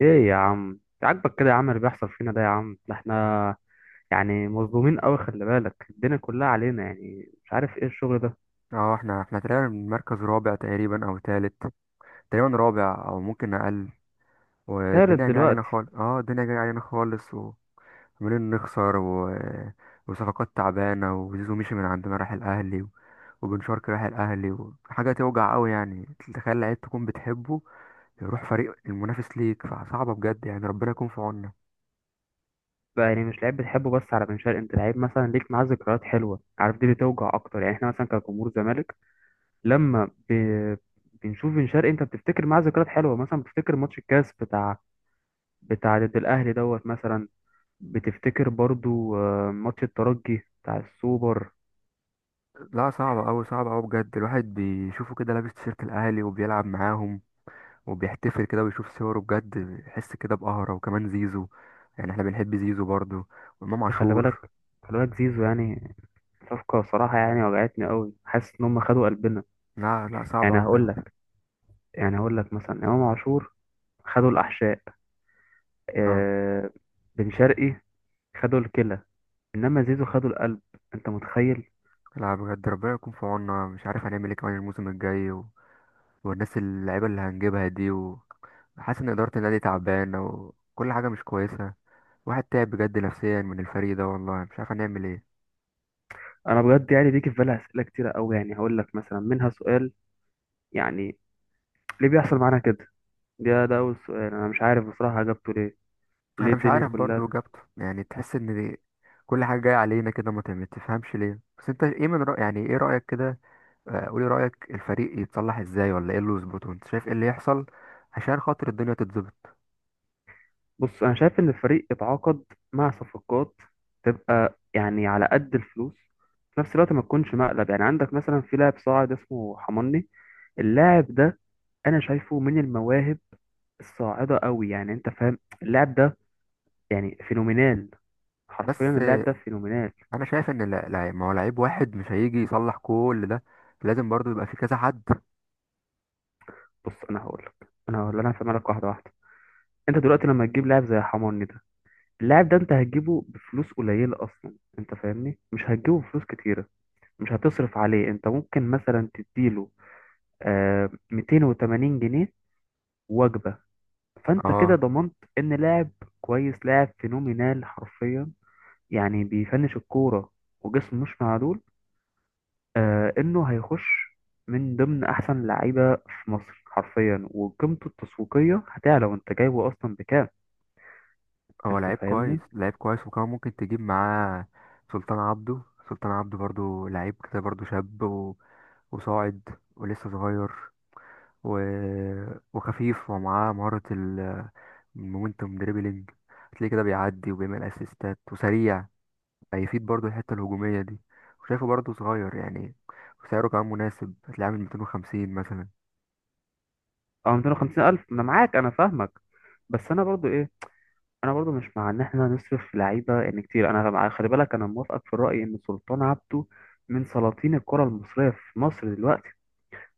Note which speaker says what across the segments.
Speaker 1: ايه يا عم، عاجبك كده يا عم اللي بيحصل فينا ده؟ يا عم ده احنا يعني مظلومين قوي. خلي بالك الدنيا كلها علينا، يعني مش عارف ايه الشغل ده.
Speaker 2: اه، احنا تقريبا مركز رابع، تقريبا او تالت. تقريبا رابع او ممكن اقل.
Speaker 1: تالت
Speaker 2: والدنيا جايه علينا
Speaker 1: دلوقتي؟
Speaker 2: خالص، الدنيا جايه علينا خالص. وعمالين نخسر وصفقات تعبانه. وزيزو مشي من عندنا، راح الاهلي، وبن شرقي راح الاهلي. وحاجه توجع قوي يعني، تخيل لعيب تكون بتحبه يروح فريق المنافس ليك، فصعبه بجد يعني. ربنا يكون في عوننا.
Speaker 1: بقى يعني مش لعيب بتحبه بس، على بن شرقي انت لعيب مثلا ليك معاه ذكريات حلوه، عارف دي بتوجع اكتر، يعني احنا مثلا كجمهور زمالك لما ب... بنشوف بن شرقي انت بتفتكر معاه ذكريات حلوه، مثلا بتفتكر ماتش الكاس بتاع ضد الاهلي دوت مثلا، بتفتكر برضو ماتش الترجي بتاع السوبر
Speaker 2: لا، صعبة أوي صعبة أوي بجد. الواحد بيشوفه كده لابس تيشيرت الأهلي وبيلعب معاهم وبيحتفل كده ويشوف صوره، بجد يحس كده بقهرة. وكمان زيزو، يعني احنا بنحب زيزو برضه، وإمام
Speaker 1: ده. خلي
Speaker 2: عاشور.
Speaker 1: بالك خلي بالك زيزو يعني صفقة صراحة يعني وجعتني قوي، حاسس إن هم خدوا قلبنا.
Speaker 2: لا، لا، صعب
Speaker 1: يعني
Speaker 2: أوي
Speaker 1: هقول
Speaker 2: بجد.
Speaker 1: لك يعني هقول لك مثلا إمام عاشور خدوا الأحشاء،
Speaker 2: اه.
Speaker 1: آه، بن شرقي خدوا الكلى، إنما زيزو خدوا القلب. أنت متخيل؟
Speaker 2: لا بجد، ربنا يكون في عوننا. مش عارف هنعمل ايه كمان الموسم الجاي، والناس اللعيبة اللي هنجيبها دي. وحاسس ان إدارة النادي تعبانة، وكل حاجة مش كويسة. واحد تعب بجد نفسيا من الفريق ده، والله مش عارف هنعمل ايه.
Speaker 1: أنا بجد يعني بيجي في بالي أسئلة كتيرة قوي، يعني هقول لك مثلا منها سؤال، يعني ليه بيحصل معانا كده؟ ده أول سؤال أنا مش عارف بصراحة أجابته. ليه
Speaker 2: انا مش
Speaker 1: الدنيا
Speaker 2: عارف
Speaker 1: كلها؟
Speaker 2: برضه جابته، يعني تحس ان دي كل حاجة جاية علينا كده، ما تفهمش ليه. بس انت ايه من رأي، يعني ايه رأيك كده؟ قولي رأيك، الفريق يتصلح ازاي ولا ايه اللي يظبطه؟ انت شايف ايه اللي يحصل عشان خاطر الدنيا تتظبط؟
Speaker 1: بص انا شايف ان الفريق يتعاقد مع صفقات تبقى يعني على قد الفلوس، في نفس الوقت ما تكونش مقلب. يعني عندك مثلا في لاعب صاعد اسمه حماني، اللاعب ده انا شايفه من المواهب الصاعده قوي، يعني انت فاهم اللاعب ده يعني فينومينال، حرفيا
Speaker 2: بس
Speaker 1: اللاعب ده فينومينال.
Speaker 2: انا شايف ان ما هو لعيب واحد مش هيجي يصلح كل ده. لازم برضو يبقى في كذا حد.
Speaker 1: بص انا هقول لك، انا هفهمها لك واحده واحده. انت دلوقتي لما تجيب لاعب زي حماني ده، اللاعب ده انت هتجيبه بفلوس قليله اصلا، انت فاهمني مش هتجيبه بفلوس كتيره، مش هتصرف عليه. انت ممكن مثلا تديله 280 جنيه وجبة، فانت كده
Speaker 2: اه.
Speaker 1: ضمنت ان لاعب كويس، لاعب فينومينال حرفيا، يعني بيفنش الكورة وجسمه مش معدول، انه هيخش من ضمن احسن لعيبة في مصر حرفيا، وقيمته التسويقية هتعلى وانت جايبه اصلا بكام؟
Speaker 2: هو
Speaker 1: انت
Speaker 2: لعيب كويس،
Speaker 1: فاهمني.
Speaker 2: لعيب كويس، وكمان ممكن تجيب معاه سلطان عبده. سلطان عبده برضو لعيب كده، برضو شاب وصاعد، ولسه صغير، و... وخفيف، ومعاه مهارة المومنتوم دريبلينج. هتلاقيه كده بيعدي وبيعمل اسيستات وسريع. هيفيد برضو الحتة الهجومية دي. وشايفه برضو صغير يعني، وسعره كمان مناسب، هتلاقيه عامل 250 مثلا.
Speaker 1: اه، 250 الف، انا معاك، انا فاهمك. بس انا برضو ايه، انا برضو مش مع ان احنا نصرف في لعيبه ان كتير. خلي بالك انا موافقك في الراي ان سلطان عبده من سلاطين الكره المصريه في مصر دلوقتي،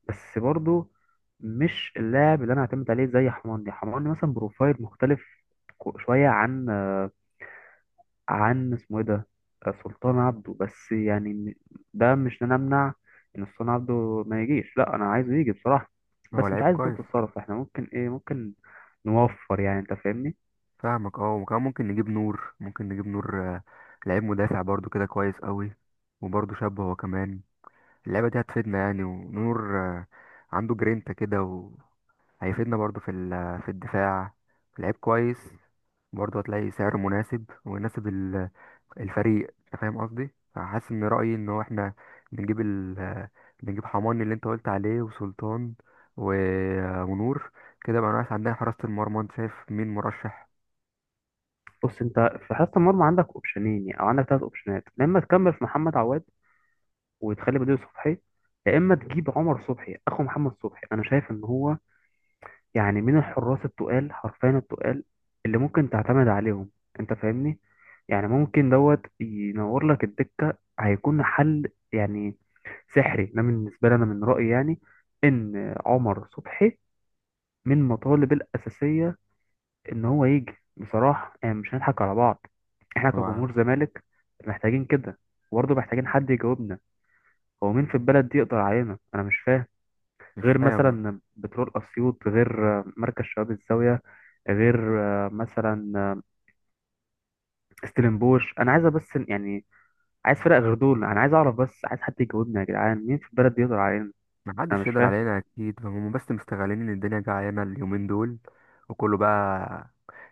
Speaker 1: بس برضو مش اللاعب اللي انا اعتمد عليه زي حماني. حماني مثلا بروفايل مختلف شويه عن عن اسمه ايه ده، سلطان عبده. بس يعني ده مش إن انا امنع ان سلطان عبده ما يجيش، لا انا عايزه يجي بصراحه.
Speaker 2: هو
Speaker 1: بس مش
Speaker 2: لعيب
Speaker 1: عايز
Speaker 2: كويس.
Speaker 1: برضه تصرف، احنا ممكن ايه، ممكن نوفر يعني، انت فاهمني.
Speaker 2: فاهمك. اه، وكمان ممكن نجيب نور، لعيب مدافع برضو كده، كويس قوي، وبرضو شاب هو كمان. اللعبة دي هتفيدنا يعني. ونور عنده جرينتا كده، وهيفيدنا برضو في الدفاع. لعيب كويس، برضو هتلاقي سعره مناسب ويناسب الفريق. انت فاهم قصدي، فحاسس ان رأيي ان هو احنا بنجيب ال بنجيب حماني اللي انت قلت عليه، وسلطان، و... ونور. كده بقى ناقص عندنا حراسة المرمى، انت شايف مين مرشح؟
Speaker 1: بص انت في حراسة المرمى عندك اوبشنين، يعني او عندك ثلاث اوبشنات، يا اما تكمل في محمد عواد وتخلي بديله صبحي، يا اما تجيب عمر صبحي اخو محمد صبحي. انا شايف ان هو يعني من الحراس التقال، حرفيا التقال، اللي ممكن تعتمد عليهم. انت فاهمني، يعني ممكن دوت ينور لك الدكة، هيكون حل يعني سحري ده بالنسبة لي. انا من رأيي يعني ان عمر صبحي من المطالب الأساسية ان هو يجي بصراحه. يعني مش هنضحك على بعض، احنا
Speaker 2: هو
Speaker 1: كجمهور زمالك محتاجين كده، وبرضه محتاجين حد يجاوبنا: هو مين في البلد دي يقدر علينا؟ انا مش فاهم،
Speaker 2: مش
Speaker 1: غير
Speaker 2: فاهم.
Speaker 1: مثلا بترول اسيوط، غير مركز شباب الزاويه، غير آه، مثلا آه، ستيلنبوش، انا عايزه بس يعني. عايز فرق غير دول، انا عايز اعرف بس، عايز حد يجاوبني يا جدعان مين في البلد دي يقدر علينا؟
Speaker 2: ما
Speaker 1: انا
Speaker 2: حدش
Speaker 1: مش
Speaker 2: يقدر
Speaker 1: فاهم.
Speaker 2: علينا اكيد. هم بس مستغلين ان الدنيا جعانه اليومين دول، وكله بقى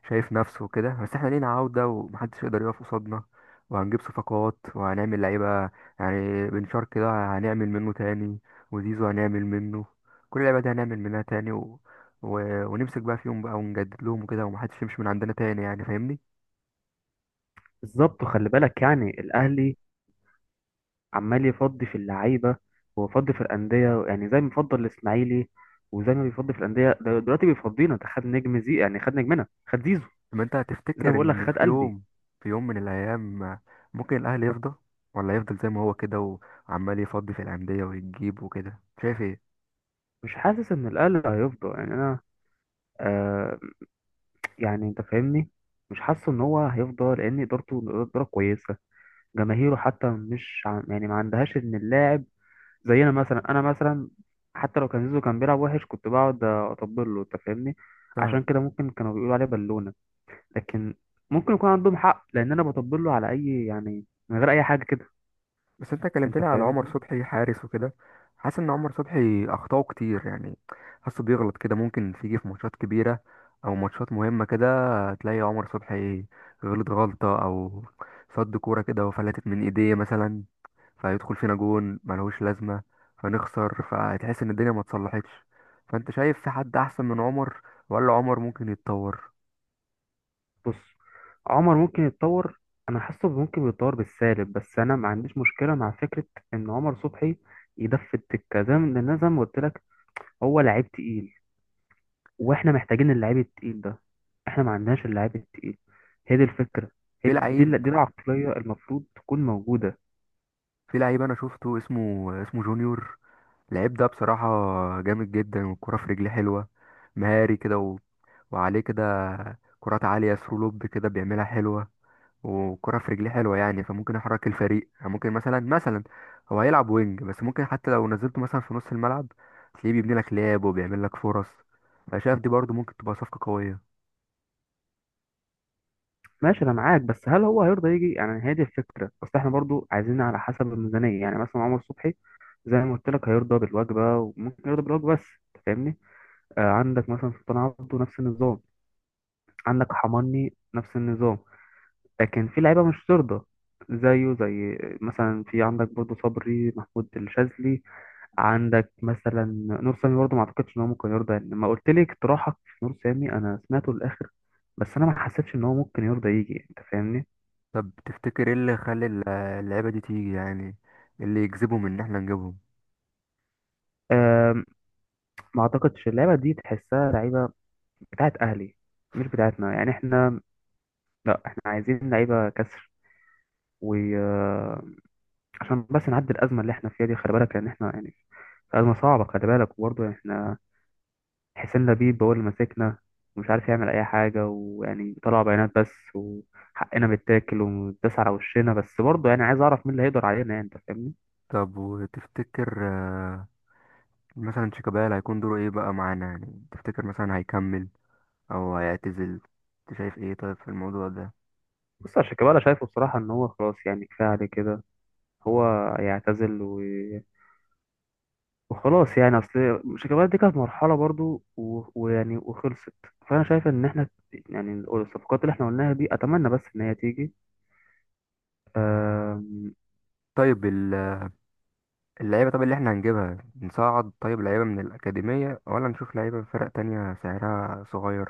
Speaker 2: شايف نفسه وكده. بس احنا لينا عوده، ومحدش يقدر يقف قصادنا. وهنجيب صفقات وهنعمل لعيبه، يعني بنشار كده هنعمل منه تاني، وزيزو هنعمل منه، كل اللعيبه دي هنعمل منها تاني، ونمسك بقى فيهم بقى، ونجدد لهم وكده، ومحدش يمشي من عندنا تاني، يعني فاهمني.
Speaker 1: بالظبط. وخلي بالك يعني الاهلي عمال يفضي في اللعيبه ويفضي في الانديه، يعني زي ما بيفضل الاسماعيلي، وزي ما بيفضي في الانديه ده دلوقتي بيفضينا ده، خد نجم زي يعني، خد نجمنا، خد زيزو،
Speaker 2: ما انت
Speaker 1: زي ما
Speaker 2: هتفتكر
Speaker 1: بقول لك
Speaker 2: ان
Speaker 1: خد
Speaker 2: في
Speaker 1: قلبي.
Speaker 2: يوم، في يوم من الايام، ممكن الاهلي يفضى ولا يفضل زي ما هو كده، وعمال يفضي في الانديه ويجيب وكده؟ شايف؟
Speaker 1: مش حاسس ان الاهلي هيفضى يعني، انا آه، يعني انت فاهمني مش حاسس ان هو هيفضى، لان ادارته اداره كويسه، جماهيره حتى مش يعني ما عندهاش ان اللاعب زينا مثلا. انا مثلا حتى لو كان زيزو كان بيلعب وحش كنت بقعد اطبل له، انت فاهمني،
Speaker 2: ايه.
Speaker 1: عشان كده ممكن كانوا بيقولوا عليه بالونه. لكن ممكن يكون عندهم حق، لان انا بطبل له على اي يعني، من غير اي حاجه كده،
Speaker 2: بس انت
Speaker 1: انت
Speaker 2: كلمتني على عمر
Speaker 1: فاهمني.
Speaker 2: صبحي حارس وكده، حاسس ان عمر صبحي اخطاؤه كتير يعني. حاسه بيغلط كده، ممكن تيجي في ماتشات كبيره او ماتشات مهمه كده، تلاقي عمر صبحي غلط غلطه، او صد كوره كده وفلتت من ايديه مثلا، فيدخل فينا جون ملهوش لازمه، فنخسر، فتحس ان الدنيا ما اتصلحتش. فانت شايف في حد احسن من عمر، ولا عمر ممكن يتطور؟
Speaker 1: بص عمر ممكن يتطور، انا حاسه ممكن بيتطور بالسالب، بس انا ما عنديش مشكله مع فكره ان عمر صبحي يدف التكه، زي ما، لأن أنا زي ما قلت لك هو لعيب تقيل، واحنا محتاجين اللعيب التقيل ده، احنا ما عندناش اللعيب التقيل. هي دي الفكره، هي
Speaker 2: في
Speaker 1: دي
Speaker 2: لعيب
Speaker 1: دي العقليه المفروض تكون موجوده.
Speaker 2: في لعيب انا شفته، اسمه جونيور. لعيب ده بصراحة جامد جدا، والكرة في رجليه حلوة، مهاري كده وعليه كده كرات عالية، ثرو لوب كده بيعملها حلوة، وكرة في رجليه حلوة يعني. فممكن يحرك الفريق، يعني ممكن مثلا هو هيلعب وينج، بس ممكن حتى لو نزلته مثلا في نص الملعب، تلاقيه بيبني لك لعب وبيعمل لك فرص. فشايف دي برضه ممكن تبقى صفقة قوية.
Speaker 1: ماشي انا معاك. بس هل هو هيرضى يجي؟ يعني هي دي الفكره، بس احنا برضو عايزين على حسب الميزانيه. يعني مثلا عمر صبحي زي ما قلت لك هيرضى بالوجبة، وممكن يرضى بالوجبة بس، أنت فاهمني. آه، عندك مثلا سلطان عبده نفس النظام، عندك حماني نفس النظام، لكن في لعيبة مش ترضى زيه، زي مثلا في عندك برضه صبري محمود الشاذلي. عندك مثلا نور سامي برضه، ما اعتقدش ان هو ممكن يرضى، يعني لما قلت لي اقتراحك في نور سامي انا سمعته للاخر، بس انا ما حسيتش ان هو ممكن يرضى يجي، انت فاهمني.
Speaker 2: طب تفتكر ايه اللي يخلي اللعيبة دي تيجي يعني؟ إيه اللي يجذبهم ان احنا نجيبهم؟
Speaker 1: آم، ما اعتقدش اللعبه دي تحسها لعيبه بتاعت اهلي، مش بتاعتنا يعني احنا، لا احنا عايزين لعيبه كسر، وعشان بس نعدي الازمه اللي احنا فيها دي. خلي بالك لان احنا يعني في ازمه صعبه، خلي بالك. وبرضه احنا حسين لبيب هو اللي ماسكنا، ومش عارف يعمل اي حاجه، ويعني طلع بيانات بس، وحقنا بيتاكل ومتداس على وشنا. بس برضه يعني عايز اعرف مين اللي هيقدر علينا، يعني انت فاهمني.
Speaker 2: طب، وتفتكر مثلا شيكابالا هيكون دوره ايه بقى معانا؟ يعني تفتكر مثلا هيكمل او هيعتزل؟ انت شايف ايه طيب في الموضوع ده؟
Speaker 1: بص يا شيكابالا شايفه بصراحه ان هو خلاص يعني، كفايه عليه كده، هو يعتزل وخلاص يعني. اصل شيكابالا دي كانت مرحله برضو ويعني وخلصت. فانا شايف ان احنا يعني الصفقات اللي احنا قلناها دي اتمنى بس ان هي تيجي. أم،
Speaker 2: طيب اللعيبه، طب اللي احنا هنجيبها، نصعد طيب لعيبه من الاكاديميه ولا نشوف لعيبه من فرق تانية سعرها صغير؟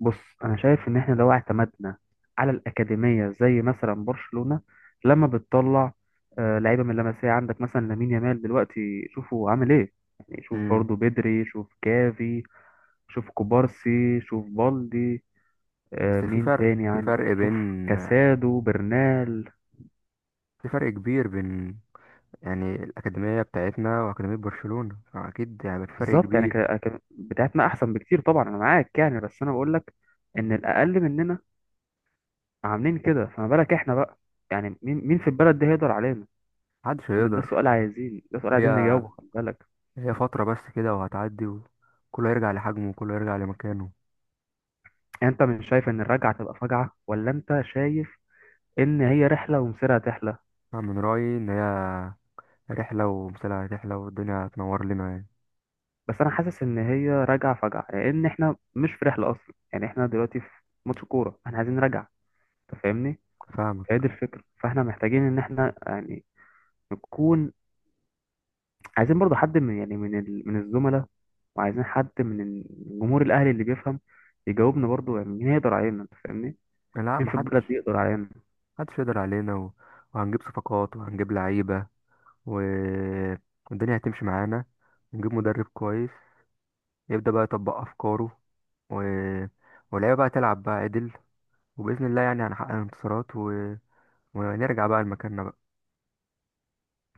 Speaker 1: بص انا شايف ان احنا لو اعتمدنا على الاكاديميه زي مثلا برشلونه لما بتطلع لعيبه من لمسيه. عندك مثلا لامين يامال دلوقتي، شوفوا عامل ايه يعني، شوف
Speaker 2: امم.
Speaker 1: برضه بدري، شوف كافي، شوف كوبارسي، شوف بالدي،
Speaker 2: بس في
Speaker 1: مين
Speaker 2: فرق
Speaker 1: تاني
Speaker 2: في
Speaker 1: عندك،
Speaker 2: فرق
Speaker 1: شوف
Speaker 2: بين،
Speaker 1: كاسادو برنال.
Speaker 2: في فرق كبير بين يعني الاكاديميه بتاعتنا واكاديميه برشلونه، اكيد يعني في فرق
Speaker 1: بالظبط، يعني
Speaker 2: كبير.
Speaker 1: بتاعتنا احسن بكتير طبعا، انا معاك يعني. بس انا بقول لك ان الاقل مننا عاملين كده، فما بالك احنا بقى، يعني مين مين في البلد دي هيقدر علينا؟
Speaker 2: محدش
Speaker 1: ان ده
Speaker 2: هيقدر.
Speaker 1: سؤال عايزين، ده سؤال
Speaker 2: هي
Speaker 1: عايزين نجاوبه، خلي بالك.
Speaker 2: هي فتره بس كده، وهتعدي، وكله هيرجع لحجمه وكله هيرجع لمكانه.
Speaker 1: يعني انت مش شايف ان الرجعه تبقى فجعه؟ ولا انت شايف ان هي رحله ومصيرها تحلى؟
Speaker 2: أنا من رأيي إن هي رحلة، ومثلها رحلة، والدنيا هتنور لنا يعني.
Speaker 1: بس انا حاسس ان هي راجعه فجعه، لان احنا مش في رحله اصلا، يعني احنا دلوقتي في ماتش كوره، احنا عايزين رجعه، انت فاهمني. فهي
Speaker 2: فاهمك.
Speaker 1: دي الفكره، فاحنا محتاجين ان احنا يعني نكون، عايزين برضو حد من يعني من الزملاء، وعايزين حد من الجمهور الاهلي اللي بيفهم يجاوبنا برضو. يعني مين يقدر علينا؟ انت فاهمني.
Speaker 2: لا،
Speaker 1: مين في البلد دي
Speaker 2: محدش
Speaker 1: يقدر علينا؟
Speaker 2: محدش يقدر علينا، وهنجيب صفقات وهنجيب لعيبة، و... والدنيا هتمشي معانا، ونجيب مدرب كويس يبدأ بقى يطبق أفكاره، و... واللعيبة بقى تلعب بقى عدل، وبإذن الله يعني هنحقق انتصارات، ونرجع بقى لمكاننا بقى.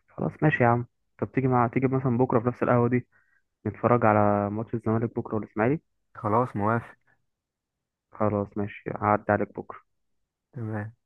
Speaker 1: خلاص ماشي يا عم. طب تيجي، تيجي مثلا بكره في نفس القهوه دي، نتفرج على ماتش الزمالك بكره والاسماعيلي.
Speaker 2: خلاص، موافق.
Speaker 1: خلاص ماشي، هعدي عليك بكره.
Speaker 2: تمام.